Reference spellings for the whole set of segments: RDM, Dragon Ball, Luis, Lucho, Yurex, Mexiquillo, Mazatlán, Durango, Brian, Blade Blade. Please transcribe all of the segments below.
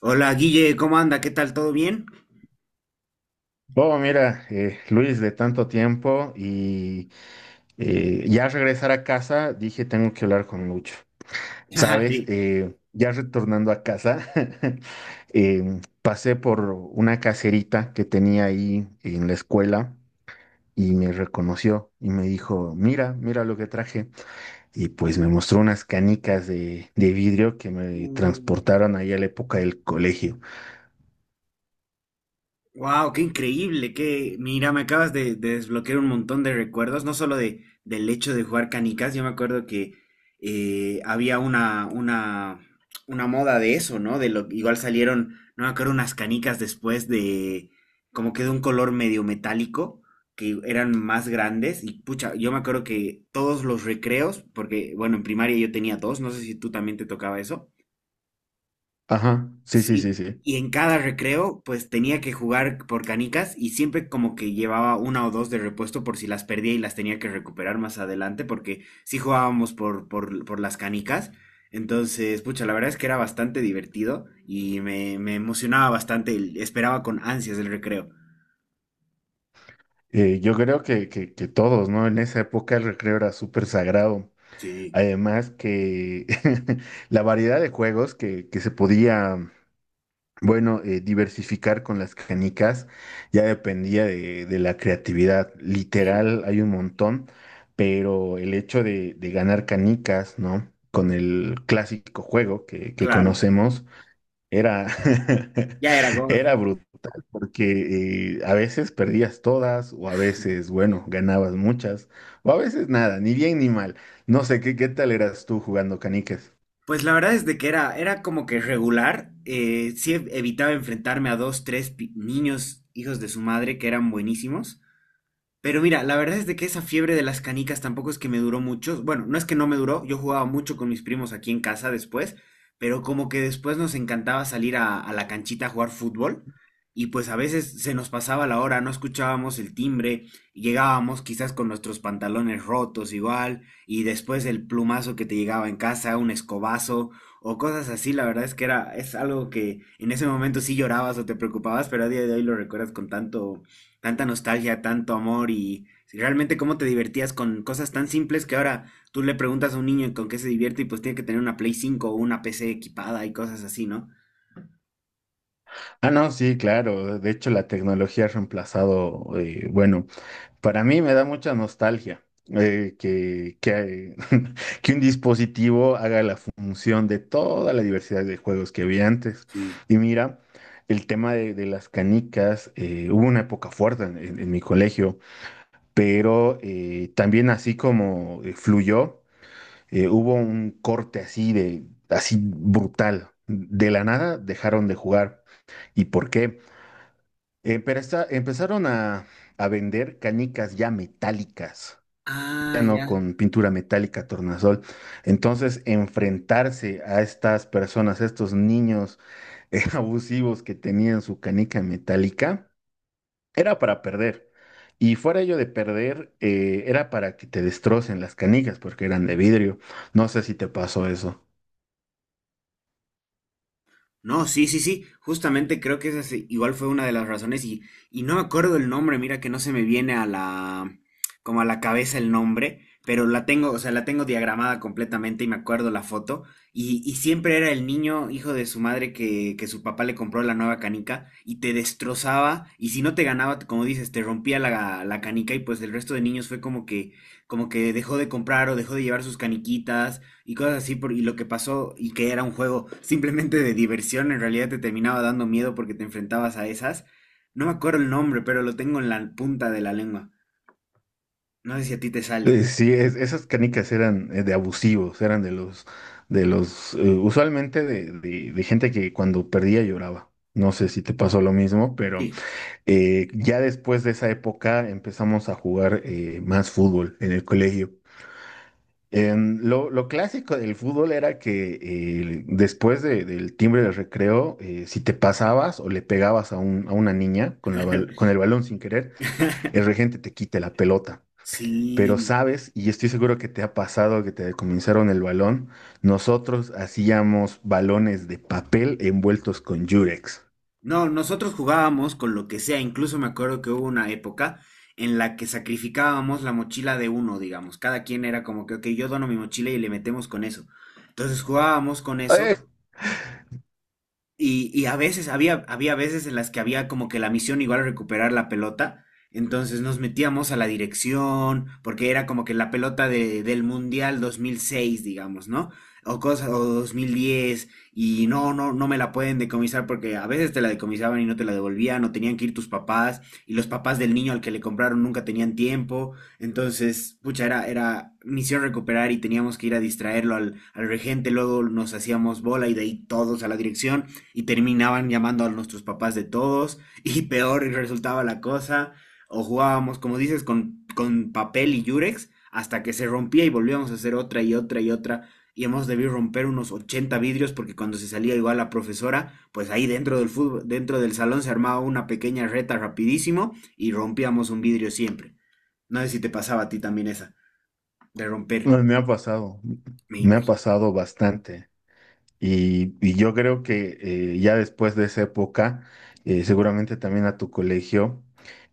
Hola Guille, ¿cómo anda? ¿Qué tal? ¿Todo bien? Oh, mira, Luis, de tanto tiempo y ya al regresar a casa dije tengo que hablar con Lucho. Ah, Sabes. sí. Ya retornando a casa, pasé por una caserita que tenía ahí en la escuela y me reconoció y me dijo, mira, mira lo que traje. Y pues me mostró unas canicas de vidrio que me transportaron ahí a la época del colegio. Wow, qué increíble, que mira, me acabas de desbloquear un montón de recuerdos, no solo del hecho de jugar canicas. Yo me acuerdo que había una moda de eso, ¿no? De lo, igual salieron, no me acuerdo, unas canicas después de, como que de un color medio metálico, que eran más grandes. Y pucha, yo me acuerdo que todos los recreos, porque, bueno, en primaria yo tenía dos, no sé si tú también te tocaba eso. Ajá, sí, sí, sí, Sí, sí. y en cada recreo pues tenía que jugar por canicas y siempre como que llevaba una o dos de repuesto por si las perdía y las tenía que recuperar más adelante, porque sí jugábamos por las canicas. Entonces, pucha, la verdad es que era bastante divertido y me emocionaba bastante, esperaba con ansias el recreo. Yo creo que todos, ¿no? En esa época el recreo era súper sagrado. Sí, Además que la variedad de juegos que se podía, bueno, diversificar con las canicas ya dependía de la creatividad. sí. Literal, hay un montón, pero el hecho de ganar canicas, ¿no? Con el clásico juego que Claro, conocemos era, ya era God. era brutal porque a veces perdías todas o a veces, bueno, ganabas muchas o a veces nada, ni bien ni mal. No sé, ¿qué, qué tal eras tú jugando canicas? Pues la verdad es de que era, era como que regular. Sí, evitaba enfrentarme a dos, tres niños hijos de su madre que eran buenísimos. Pero mira, la verdad es de que esa fiebre de las canicas tampoco es que me duró mucho. Bueno, no es que no me duró, yo jugaba mucho con mis primos aquí en casa después, pero como que después nos encantaba salir a la canchita a jugar fútbol. Y pues a veces se nos pasaba la hora, no escuchábamos el timbre, y llegábamos quizás con nuestros pantalones rotos igual y después el plumazo que te llegaba en casa, un escobazo o cosas así. La verdad es que era, es algo que en ese momento sí llorabas o te preocupabas, pero a día de hoy lo recuerdas con tanto tanta nostalgia, tanto amor. Y si realmente cómo te divertías con cosas tan simples que ahora tú le preguntas a un niño con qué se divierte, y pues tiene que tener una Play 5 o una PC equipada y cosas así, ¿no? Ah, no, sí, claro. De hecho, la tecnología ha reemplazado, bueno, para mí me da mucha nostalgia que un dispositivo haga la función de toda la diversidad de juegos que había antes. Y mira, el tema de las canicas, hubo una época fuerte en, en mi colegio, pero también así como fluyó, hubo un corte así de, así brutal. De la nada dejaron de jugar. ¿Y por qué? Empezaron a vender canicas ya metálicas Ah, piano ya. con pintura metálica, tornasol. Entonces, enfrentarse a estas personas, a estos niños abusivos que tenían su canica metálica, era para perder. Y fuera ello de perder, era para que te destrocen las canicas porque eran de vidrio. No sé si te pasó eso. No, sí, sí, sí, justamente creo que esa igual fue una de las razones. Y no me acuerdo el nombre, mira que no se me viene a la, como a la cabeza el nombre, pero la tengo, o sea, la tengo diagramada completamente y me acuerdo la foto. Y siempre era el niño hijo de su madre que su papá le compró la nueva canica y te destrozaba y si no te ganaba, como dices, te rompía la canica. Y pues el resto de niños fue como que dejó de comprar o dejó de llevar sus caniquitas y cosas así, y lo que pasó, y que era un juego simplemente de diversión, en realidad te terminaba dando miedo porque te enfrentabas a esas. No me acuerdo el nombre, pero lo tengo en la punta de la lengua. No sé si a ti te sale. Sí, esas canicas eran de abusivos, eran de los, usualmente de, de gente que cuando perdía lloraba. No sé si te pasó lo mismo, pero... Sí. Ya después de esa época empezamos a jugar más fútbol en el colegio. En lo clásico del fútbol era que después del timbre del recreo, si te pasabas o le pegabas a, a una niña con, con el balón sin querer, el regente te quite la pelota. Pero Sí. sabes, y estoy seguro que te ha pasado que te decomisaron el balón, nosotros hacíamos balones de papel envueltos con Yurex. No, nosotros jugábamos con lo que sea. Incluso me acuerdo que hubo una época en la que sacrificábamos la mochila de uno, digamos. Cada quien era como que, ok, yo dono mi mochila y le metemos con eso. Entonces jugábamos con Eh, eso. Y a veces, había veces en las que había como que la misión igual recuperar la pelota. Entonces nos metíamos a la dirección, porque era como que la pelota del Mundial 2006, digamos, ¿no? O cosas, o 2010, y no, no, no me la pueden decomisar porque a veces te la decomisaban y no te la devolvían, o tenían que ir tus papás, y los papás del niño al que le compraron nunca tenían tiempo. Entonces, pucha, era, era misión recuperar y teníamos que ir a distraerlo al regente, luego nos hacíamos bola y de ahí todos a la dirección, y terminaban llamando a nuestros papás de todos y peor resultaba la cosa. O jugábamos, como dices, con papel y yurex hasta que se rompía y volvíamos a hacer otra y otra y otra. Y hemos debido romper unos 80 vidrios porque cuando se salía igual la profesora, pues ahí dentro del fútbol, dentro del salón se armaba una pequeña reta rapidísimo y rompíamos un vidrio siempre. No sé si te pasaba a ti también esa de romper, me ha pasado, me me ha imagino. pasado bastante. Y yo creo que ya después de esa época, seguramente también a tu colegio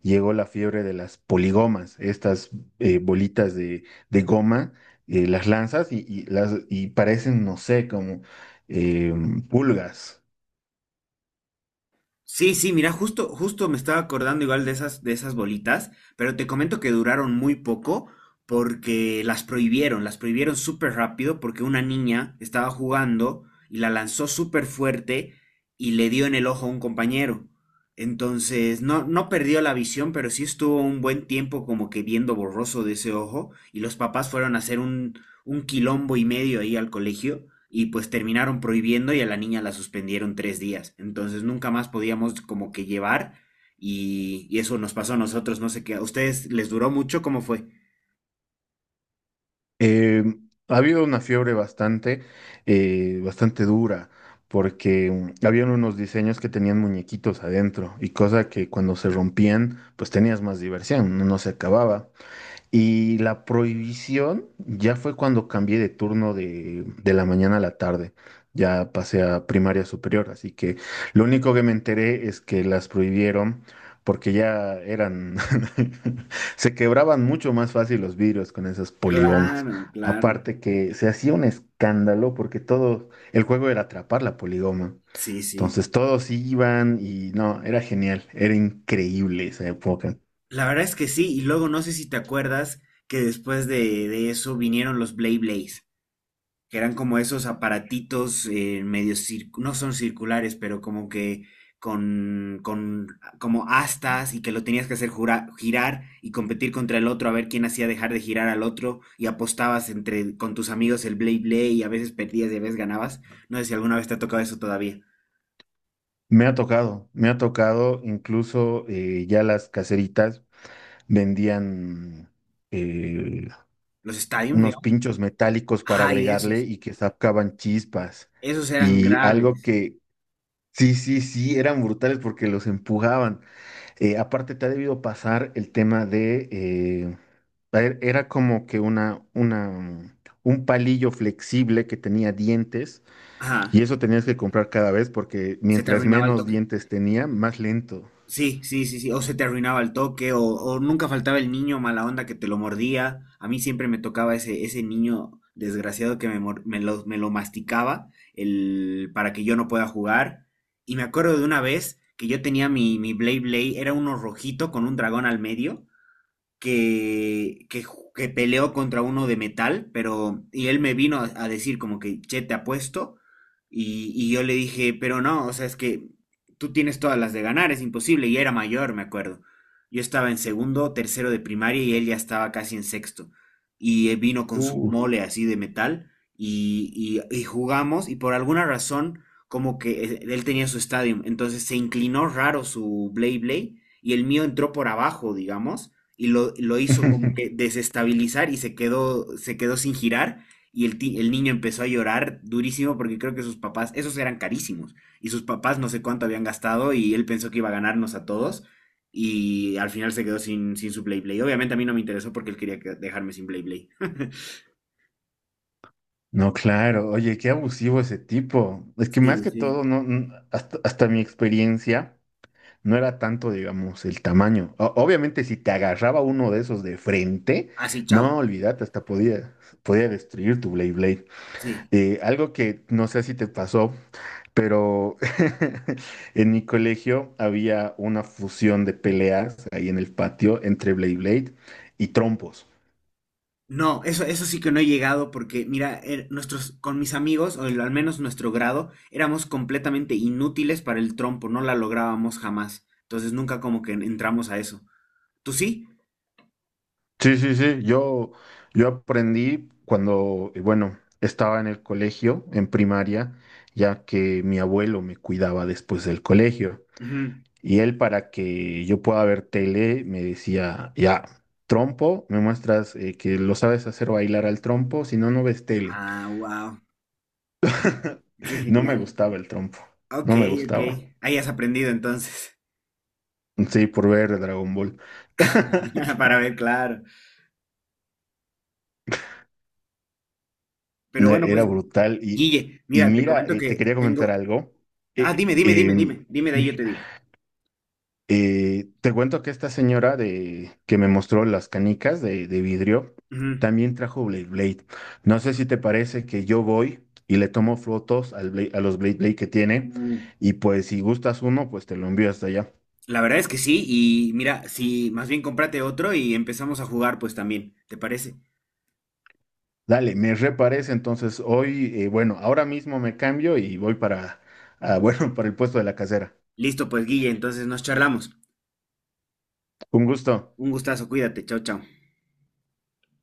llegó la fiebre de las poligomas, estas bolitas de goma, las lanzas y las, y parecen, no sé, como eh, pulgas. Sí, sí, mira, justo me estaba acordando igual de esas, bolitas, pero te comento que duraron muy poco porque las prohibieron súper rápido porque una niña estaba jugando y la lanzó súper fuerte y le dio en el ojo a un compañero. Entonces, no, no perdió la visión, pero sí estuvo un buen tiempo como que viendo borroso de ese ojo, y los papás fueron a hacer un quilombo y medio ahí al colegio y pues terminaron prohibiendo, y a la niña la suspendieron 3 días. Entonces nunca más podíamos como que llevar, y eso nos pasó a nosotros, no sé qué. ¿A ustedes les duró mucho? ¿Cómo fue? Eh, ha habido una fiebre bastante, bastante dura, porque habían unos diseños que tenían muñequitos adentro y cosa que cuando se rompían, pues tenías más diversión, no se acababa. Y la prohibición ya fue cuando cambié de turno de la mañana a la tarde. Ya pasé a primaria superior, así que lo único que me enteré es que las prohibieron porque ya eran, se quebraban mucho más fácil los vidrios con esas poligomas. Claro, claro. Aparte que se hacía un escándalo porque todo, el juego era atrapar la poligoma. Sí, sí. Entonces todos iban y no, era genial, era increíble esa época. La verdad es que sí. Y luego no sé si te acuerdas que después de eso vinieron los Blay Blays, que eran como esos aparatitos medio no son circulares, pero como que con como astas y que lo tenías que hacer girar y competir contra el otro a ver quién hacía dejar de girar al otro, y apostabas entre con tus amigos el Blade Blade, y a veces perdías y a veces ganabas. No sé si alguna vez te ha tocado eso todavía. Me ha tocado, incluso ya las caseritas vendían eh, Los stadiums, unos digamos. pinchos metálicos para Ay, agregarle esos. y que sacaban chispas. Esos eran Y algo graves. que sí, sí, sí, eran brutales porque los empujaban. Aparte, te ha debido pasar el tema de, era como que una, un palillo flexible que tenía dientes Ajá. y eso tenías que comprar cada vez porque Se te mientras arruinaba el menos toque. dientes tenía, más lento. Sí, sí, sí, sí. O se te arruinaba el toque, o nunca faltaba el niño mala onda que te lo mordía. A mí siempre me tocaba ese niño desgraciado que me lo masticaba para que yo no pueda jugar. Y me acuerdo de una vez que yo tenía mi Blade Blade, era uno rojito con un dragón al medio, que peleó contra uno de metal, pero, y él me vino a decir como que, che, te apuesto, y yo le dije, pero no, o sea, es que tú tienes todas las de ganar, es imposible, y era mayor, me acuerdo. Yo estaba en segundo, tercero de primaria, y él ya estaba casi en sexto, y él vino con su Uh. mole así de metal, y jugamos, y por alguna razón, como que él tenía su estadio, entonces se inclinó raro su Blade Blade, y el mío entró por abajo, digamos, y lo hizo como que desestabilizar, y se quedó sin girar. Y el niño empezó a llorar durísimo porque creo que sus papás, esos eran carísimos, y sus papás no sé cuánto habían gastado y él pensó que iba a ganarnos a todos y al final se quedó sin su Play Play. Obviamente a mí no me interesó porque él quería dejarme sin Play Play. No, claro, oye, qué abusivo ese tipo. Es que más Sí, que todo, sí. no, hasta, hasta mi experiencia, no era tanto, digamos, el tamaño. Obviamente, si te agarraba uno de esos de frente, Así, chao. no, olvídate, hasta podía, podía destruir tu Blade Blade. Sí. Algo que no sé si te pasó, pero en mi colegio había una fusión de peleas ahí en el patio entre Blade Blade y trompos. No, eso sí que no he llegado porque, mira, con mis amigos, o al menos nuestro grado, éramos completamente inútiles para el trompo, no la lográbamos jamás. Entonces nunca como que entramos a eso. ¿Tú sí? Sí, sí, sí. Yo aprendí cuando, bueno, estaba en el colegio, en primaria, ya que mi abuelo me cuidaba después del colegio. Ujú. Y él, para que yo pueda ver tele, me decía, ya, trompo, me muestras que lo sabes hacer bailar al trompo, si no, no ves tele. Ah, wow, qué No me genial. gustaba el trompo, Ok, no me ok. gustaba. Ahí has aprendido entonces. Sí, por ver Dragon Ball. Para ver, claro. Pero No, bueno, era pues, brutal. Guille, Y mira, te mira, comento te que quería comentar tengo. algo. Ah, Eh, dime, dime, dime, em, dime. Dime de ahí, yo te digo. Te cuento que esta señora de, que me mostró las canicas de vidrio Ujú. también trajo Blade Blade. No sé si te parece que yo voy y le tomo fotos al a los Blade Blade que tiene Uh. y pues si gustas uno, pues te lo envío hasta allá. La verdad es que sí, y mira, si más bien cómprate otro y empezamos a jugar, pues también, ¿te parece? Dale, me reparece entonces hoy, bueno, ahora mismo me cambio y voy para, ah, bueno, para el puesto de la casera. Listo, pues Guille, entonces nos charlamos. Un gusto. Un gustazo, cuídate, chao, chao.